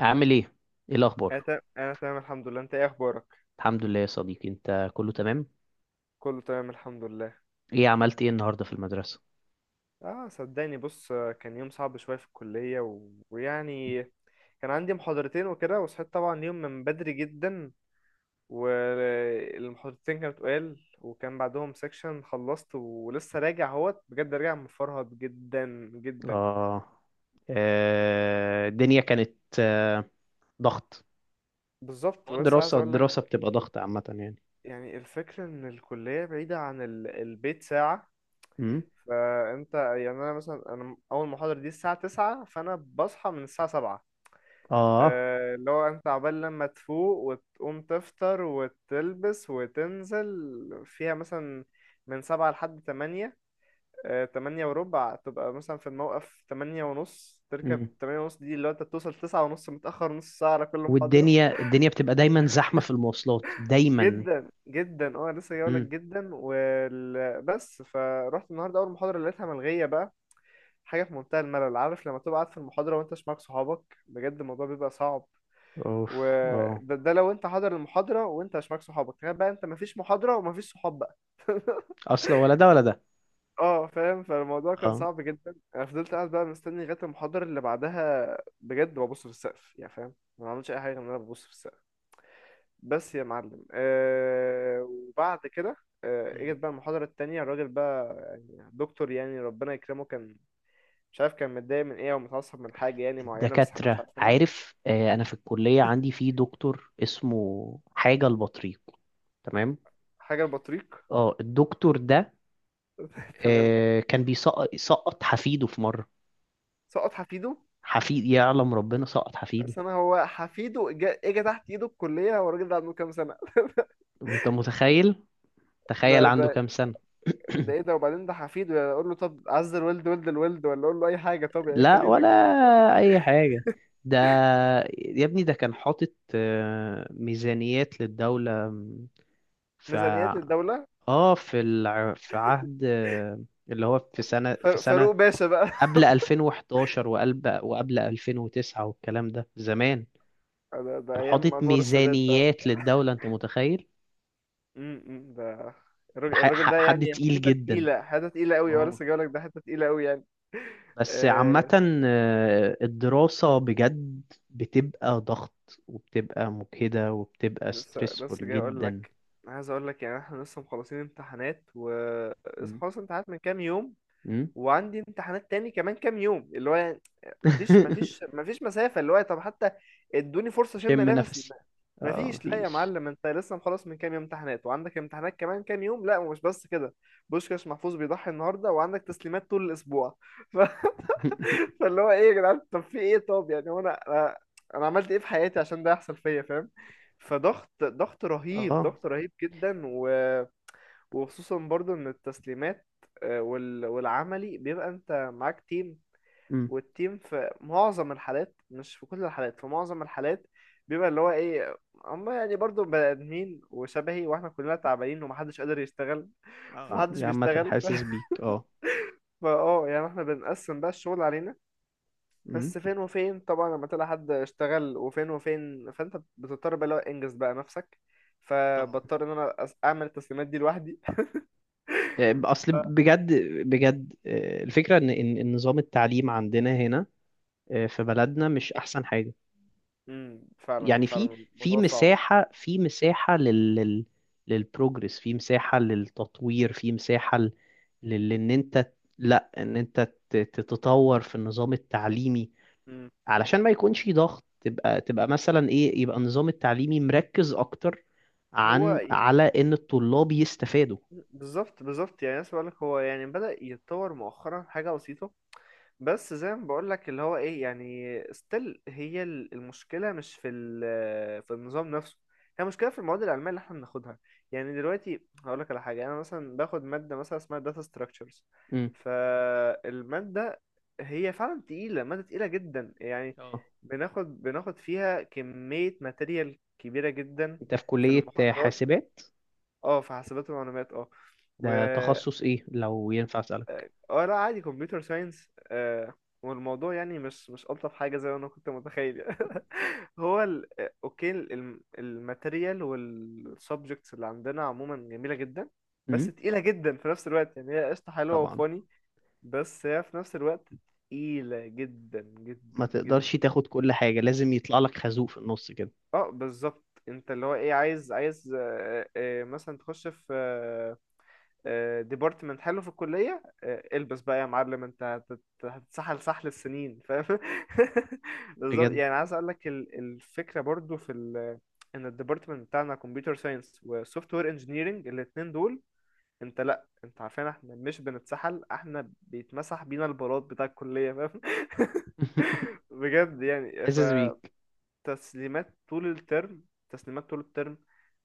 عامل ايه؟ ايه انا الاخبار؟ تمام، الحمد لله. انت ايه اخبارك؟ الحمد لله يا صديقي، انت كله تمام؟ كله تمام الحمد لله. عملت ايه النهارده في المدرسه؟ اه صدقني بص، كان يوم صعب شويه في الكليه ويعني كان عندي محاضرتين وكده، وصحيت طبعا يوم من بدري جدا. والمحاضرتين كانت قال وكان بعدهم سيكشن، خلصت ولسه راجع اهوت، بجد راجع مفرهد جدا. اه. الدنيا كانت آه، ضغط. بالظبط، هو ولسه عايز الدراسه اقول لك. الدراسه بتبقى ضغط عامه يعني. يعني الفكره ان الكليه بعيده عن البيت ساعه. امم. فانت يعني، انا مثلا انا اول محاضره دي الساعه 9، فانا بصحى من الساعه 7. اه. اللي هو انت عبال لما تفوق وتقوم تفطر وتلبس وتنزل فيها مثلا من سبعة لحد تمانية. تمانية وربع تبقى مثلا في الموقف، تمانية ونص تركب، امم. تمانية ونص دي اللي هو انت بتوصل تسعة ونص متأخر نص ساعة على كل محاضرة. والدنيا بتبقى دايما زحمه في المواصلات دايما. جدا جدا، اه لسه جايلك. امم. جدا بس، فروحت النهارده اول محاضرة لقيتها ملغية بقى. حاجة في منتهى الملل. عارف لما تبقى قاعد في المحاضرة وانت مش معاك صحابك؟ بجد الموضوع بيبقى صعب. اوف. اه. وده لو انت حاضر المحاضرة وانت مش معاك صحابك، تخيل بقى انت مفيش محاضرة ومفيش صحاب بقى. اصلا ولا ده ولا ده. اه فاهم، فالموضوع كان اه. صعب جدا. انا فضلت قاعد بقى مستني لغاية المحاضرة اللي بعدها. بجد ببص في السقف، يعني فاهم، ما بعملش اي حاجة غير ان انا ببص في السقف. بس يا معلم، وبعد كده، آه، مم. اجت بقى المحاضرة التانية. الراجل بقى يعني دكتور يعني ربنا يكرمه، كان مش عارف كان متضايق من ايه او متعصب من حاجة يعني معينة، بس احنا مش الدكاتره عارفينها. عارف، انا في الكليه عندي في دكتور اسمه حاجه البطريق. تمام. حاجة البطريق. اه، الدكتور ده تمام. كان سقط حفيده في مرة. سقط حفيده. حفيد يعلم ربنا سقط حفيده. بس انا، هو حفيده اجى تحت ايده الكليه، هو الراجل ده عنده كام سنه؟ انت متخيل؟ تخيل ده عنده ده كام سنة؟ ده ايه ده، وبعدين ده حفيده، يعني اقول له طب عز الولد ولد الولد، ولا اقول له اي حاجه؟ طب يعني لا خلينا ولا ننجحه. اي حاجة. ده، يا ابني ده كان حاطط ميزانيات للدولة. في ميزانيات ع- للدوله. اه في الع... في عهد، اللي هو في سنة في فاروق سنة فاروق باشا بقى. قبل 2011 وقبل 2009 والكلام ده زمان. ده كان ايام حاطط انور السادات بقى. ميزانيات للدولة، انت متخيل؟ امم، أمم، ده الراجل الراجل ده حد يعني تقيل حته جدا. تقيله، حته تقيله قوي، وانا اه، لسه جاي لك، ده حته تقيله قوي يعني. بس آه عامة الدراسة بجد بتبقى ضغط، وبتبقى مجهدة، وبتبقى لسه، لسه ستريسفول جاي اقول جدا. لك. عايز اقول لك يعني احنا لسه مخلصين امتحانات، و لسه مم. خلاص امتحانات من كام يوم، م? وعندي امتحانات تاني كمان كام يوم، اللي هو يعني مفيش مفيش مسافة، اللي هو طب حتى ادوني فرصة اشم شم نفسي نفسي. اه، مفيش. لا يا مفيش. معلم، انت لسه مخلص من كام يوم امتحانات وعندك امتحانات كمان كام يوم، لا مش بس كده، بوشكاش محفوظ بيضحي النهارده وعندك تسليمات طول الاسبوع. ف... فاللي هو ايه يا جدعان، طب في ايه، طب يعني هو انا أنا عملت ايه في حياتي عشان ده يحصل فيا، فاهم؟ فضغط، ضغط رهيب، اه. ضغط رهيب جدا. وخصوصا برضو ان التسليمات، والعملي بيبقى انت معاك تيم، م. والتيم في معظم الحالات، مش في كل الحالات، في معظم الحالات بيبقى اللي هو ايه، هم يعني برضو بني ادمين وشبهي، واحنا كلنا تعبانين ومحدش قادر يشتغل. اه، فمحدش عامة بيشتغل حاسس بيك، اه. فا اه، يعني احنا بنقسم بقى الشغل علينا م. بس فين وفين، طبعا لما تلاقي حد اشتغل وفين وفين، فانت بتضطر بقى اللي هو انجز بقى نفسك. طبعا. فبضطر ان انا اعمل التسليمات دي لوحدي. اصل بجد، بجد الفكرة إن نظام التعليم عندنا هنا، في بلدنا مش احسن حاجة امم، فعلا يعني. في فعلا في الموضوع صعب. مساحة في مساحة لل لل للبروجرس في مساحة للتطوير، في مساحة ل- لل ان انت لا ان انت ت- تتطور في النظام التعليمي امم. علشان ما يكونش ضغط. تبقى مثلا ايه، يبقى النظام التعليمي مركز اكتر هو ي- على ان الطلاب يستفادوا. بالظبط، بالظبط، يعني أنا لك هو يعني بدأ يتطور مؤخرا حاجة بسيطة، بس زي ما بقولك اللي هو ايه، يعني ستيل هي المشكلة مش في في النظام نفسه، هي المشكلة في المواد العلمية اللي احنا بناخدها. يعني دلوقتي هقولك على حاجة، انا مثلا باخد مادة مثلا اسمها داتا ستراكشرز، امم. فالمادة هي فعلا تقيلة، مادة تقيلة جدا يعني، اه. بناخد فيها كمية ماتيريال كبيرة جدا انت في في كلية المحاضرات. حاسبات؟ اه في حاسبات ومعلومات، اه. ده تخصص ايه لو ينفع اسألك؟ اه، آه، لا عادي، كمبيوتر ساينس. آه، والموضوع يعني مش، مش ألطف حاجة زي ما أنا كنت متخيل. هو آه، أوكي، الماتيريال والسبجكتس اللي عندنا عموما جميلة جدا، بس امم. تقيلة جدا في نفس الوقت، يعني هي قشطة حلوة طبعا. وفاني، بس هي في نفس الوقت تقيلة جدا جدا ما تقدرش جدا. تاخد كل حاجة، لازم يطلع لك خازوق في النص كده. اه بالظبط، انت اللي هو ايه، عايز، عايز، مثلا تخش في ديبارتمنت حلو في الكلية، آه، البس بقى يا معلم، انت هتتسحل سحل السنين، فاهم؟ بالظبط، بجد. يعني عايز اقول لك الفكرة برضو في ال، ان الديبارتمنت بتاعنا كمبيوتر ساينس وسوفت وير انجينيرنج، الاتنين دول، انت لا انت عارفين، احنا مش بنتسحل، احنا بيتمسح بينا البلاط بتاع الكلية، فاهم؟ بجد يعني. حاسس بيك. فتسليمات طول الترم، تسليمات طول الترم،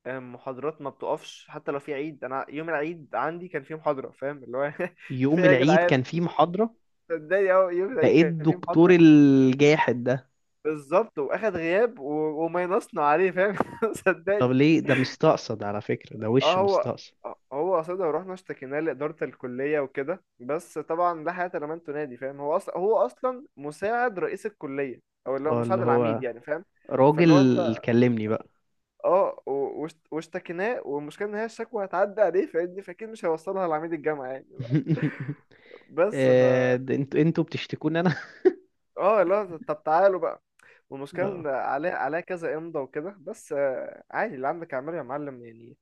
آه، محاضرات ما بتقفش حتى لو في عيد، انا يوم العيد عندي كان فيه محاضره، فاهم اللي هو في يوم إيه يا العيد جدعان؟ كان في محاضرة؟ صدقني اهو يوم ده العيد ايه كان فيه الدكتور محاضره. الجاحد ده! بالظبط، واخد غياب وماينصنا عليه، فاهم؟ طب صدقني. ليه؟ ده مستقصد على فكرة، ده وش اه، هو مستقصد. هو قصدها، ورحنا اشتكيناه لاداره الكليه وكده، بس طبعا لا حياه لمن تنادي، فاهم؟ هو اصلا، هو اصلا مساعد رئيس الكليه، او اللي هو اه، اللي مساعد العميد هو يعني، فاهم؟ فاللي هو راجل انت، كلمني بقى. اه واشتكيناه، والمشكله ان هي الشكوى هتعدي عليه فاهمني، فاكيد مش هيوصلها لعميد الجامعه يعني بقى. بس ف، ده انتوا بتشتكوني انا؟ اه لا طب تعالوا بقى. والمشكله اه، ان عليه، عليه كذا امضى وكده، بس آه عادي، اللي عندك اعمله يا معلم يعني.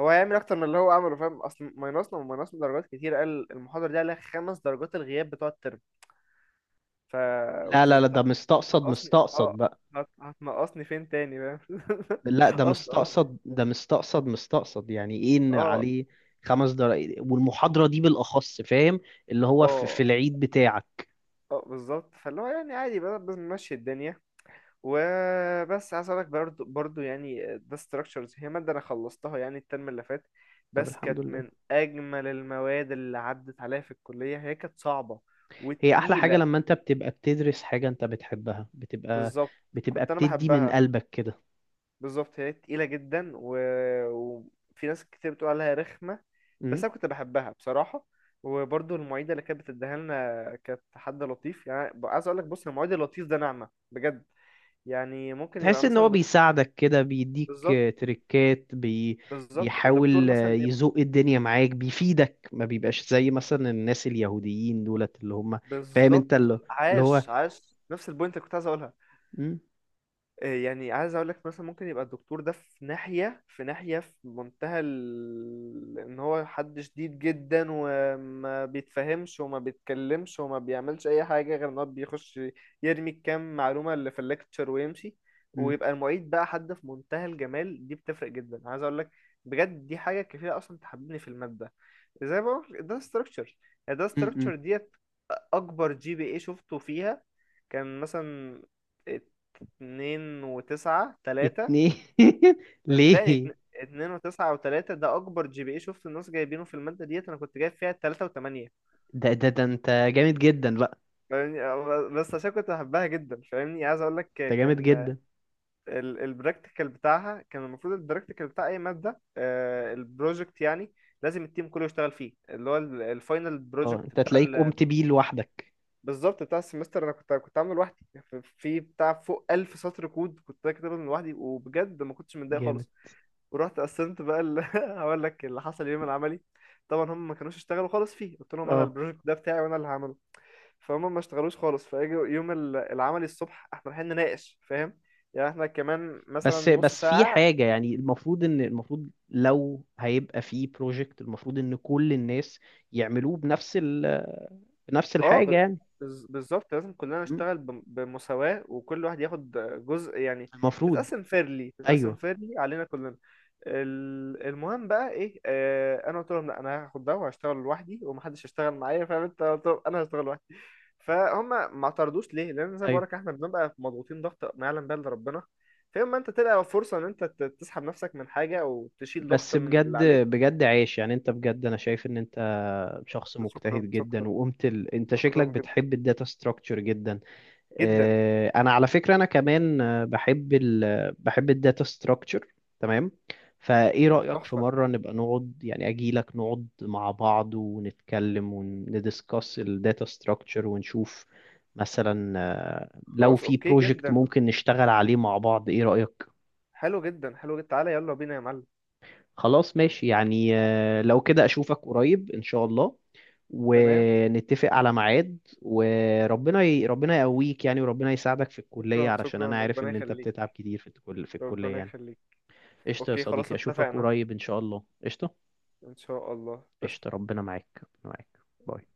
هو هيعمل اكتر من اللي هو عمله، فاهم؟ اصل ماينصنا وماينصنا درجات كتير، قال المحاضره دي عليها خمس درجات، الغياب بتوع الترم. ف لا which is لا لا، انت ده مستقصد، هتنقصني، مستقصد اه، بقى. هتنقصني فين تاني، فاهم؟ لا، ده قصدي، قصدي. مستقصد، ده مستقصد، مستقصد، يعني ايه ان اه، عليه 5 دقايق، والمحاضرة دي بالأخص، فاهم؟ اللي هو في اه، العيد بتاعك. اه بالظبط، فاللي هو يعني عادي بقى بنمشي الدنيا. وبس عايز اقولك، برضو يعني ده structures، هي مادة انا خلصتها يعني الترم اللي فات، طب بس الحمد كانت لله. من اجمل المواد اللي عدت عليا في الكلية. هي كانت صعبة هي احلى حاجة، وتقيلة. لما انت بتبقى بتدرس حاجة انت بتحبها، بتبقى بالظبط. بتبقى كنت انا بتدي من بحبها. قلبك كده. بالظبط، هي تقيلة جدا وفي ناس كتير بتقول عليها رخمة، امم. بس انا كنت بحبها بصراحة. وبرضو المعيدة اللي كانت بتديها لنا كانت حد لطيف، يعني عايز اقولك بص، المعيد اللطيف ده نعمة بجد. يعني ممكن تحس يبقى ان هو مثلا بيساعدك كده، بيديك بالظبط، تريكات بالظبط. الدكتور بيحاول مثلا، يزوق الدنيا معاك، بيفيدك، ما بيبقاش زي مثلا الناس اليهوديين دولت اللي هم. فاهم بالظبط. انت اللي، اللي هو. عاش، عاش نفس البوينت اللي كنت عايز اقولها. مم. إيه، يعني عايز اقول لك مثلا ممكن يبقى الدكتور ده في ناحية، في ناحية في منتهى ان هو حد شديد جدا وما بيتفهمش وما بيتكلمش وما بيعملش اي حاجة غير ان هو بيخش يرمي الكام معلومة اللي في الليكتشر ويمشي، مم. ويبقى المعيد بقى حد في منتهى الجمال، دي بتفرق جدا عايز اقول لك. بجد دي حاجة كفيلة اصلا تحببني في المادة. زي ما بقول ده ستراكشر، ده مم. مم. ستراكشر ديت. اكبر جي بي اي شفته فيها كان مثلا اتنين وتسعة تلاتة. اتنين. صدقني، ليه؟ اتنين وتسعة وتلاتة ده أكبر جي بي إيه شفت الناس جايبينه في المادة ديت. أنا كنت جايب فيها تلاتة وتمانية، ده انت جامد جدا بقى. فاهمني؟ أه، بس عشان كنت بحبها جدا فاهمني، عايز أقول لك. انت جامد كان جدا. البراكتيكال بتاعها كان، المفروض البراكتيكال بتاع أي مادة، آه، البروجكت يعني، لازم التيم كله يشتغل فيه، اللي هو الفاينل اه، بروجكت انت بتاع، تلاقيك قمت بيه لوحدك. بالظبط، بتاع السمستر. انا كنت عامله لوحدي، في في بتاع فوق 1000 سطر كود كنت كاتبه من لوحدي، وبجد ما كنتش متضايق جامد. خالص. ورحت قسمت بقى هقول لك اللي حصل يوم العملي. طبعا هم ما كانوش اشتغلوا خالص فيه، قلت لهم انا اه، البروجكت ده بتاعي وانا اللي هعمله. فهم ما اشتغلوش خالص، فاجوا يوم العملي الصبح احنا رايحين نناقش، فاهم؟ يعني احنا كمان مثلا بس نص بس في ساعة. حاجة يعني، المفروض، ان المفروض لو هيبقى في بروجكت، المفروض ان كل الناس يعملوه بنفس بنفس اه، الحاجة يعني. بالظبط، لازم كلنا م? نشتغل بمساواة، وكل واحد ياخد جزء يعني، المفروض. تتقسم فيرلي، تتقسم ايوه. فيرلي علينا كلنا. المهم بقى ايه، آه انا قلت لهم لا انا هاخد ده وهشتغل لوحدي ومحدش هيشتغل معايا، فاهم انت؟ قلت لهم انا هشتغل لوحدي. فهم ما اعترضوش، ليه؟ لان زي ما ايوه. بقولك احنا بنبقى مضغوطين ضغط ما يعلم به الا ربنا. فيوم ما انت تلقى فرصة ان انت تسحب نفسك من حاجة، او تشيل ضغط بس من اللي بجد، عليك. بجد عايش يعني، انت بجد، انا شايف ان انت شخص شكرا، مجتهد جدا، شكرا، وقمت انت شكلك شكرا جدا. بتحب الداتا ستراكشر جدا. جدا، انا على فكره، انا كمان بحب بحب الداتا ستراكشر. تمام. فايه ده رايك، في تحفة. مره نبقى نقعد يعني، اجي لك نقعد مع بعض ونتكلم وندiscuss الداتا ستراكشر، ونشوف مثلا لو خلاص في اوكي، بروجكت جدا ممكن نشتغل عليه مع بعض، ايه رايك؟ حلو، جدا حلو جدا. تعالى يلا بينا يا معلم. خلاص ماشي، يعني لو كده أشوفك قريب إن شاء الله، تمام، ونتفق على ميعاد، وربنا ربنا يقويك يعني، وربنا يساعدك في الكلية شكرا، علشان أنا شكرا، عارف ربنا إن أنت يخليك، بتتعب كتير في في الكلية ربنا يعني. يخليك. قشطة يا اوكي خلاص، صديقي، أشوفك اتفقنا. قريب إن شاء الله، قشطة. ان شاء الله، قشطة. قشطة، ربنا معاك، ربنا معاك. باي.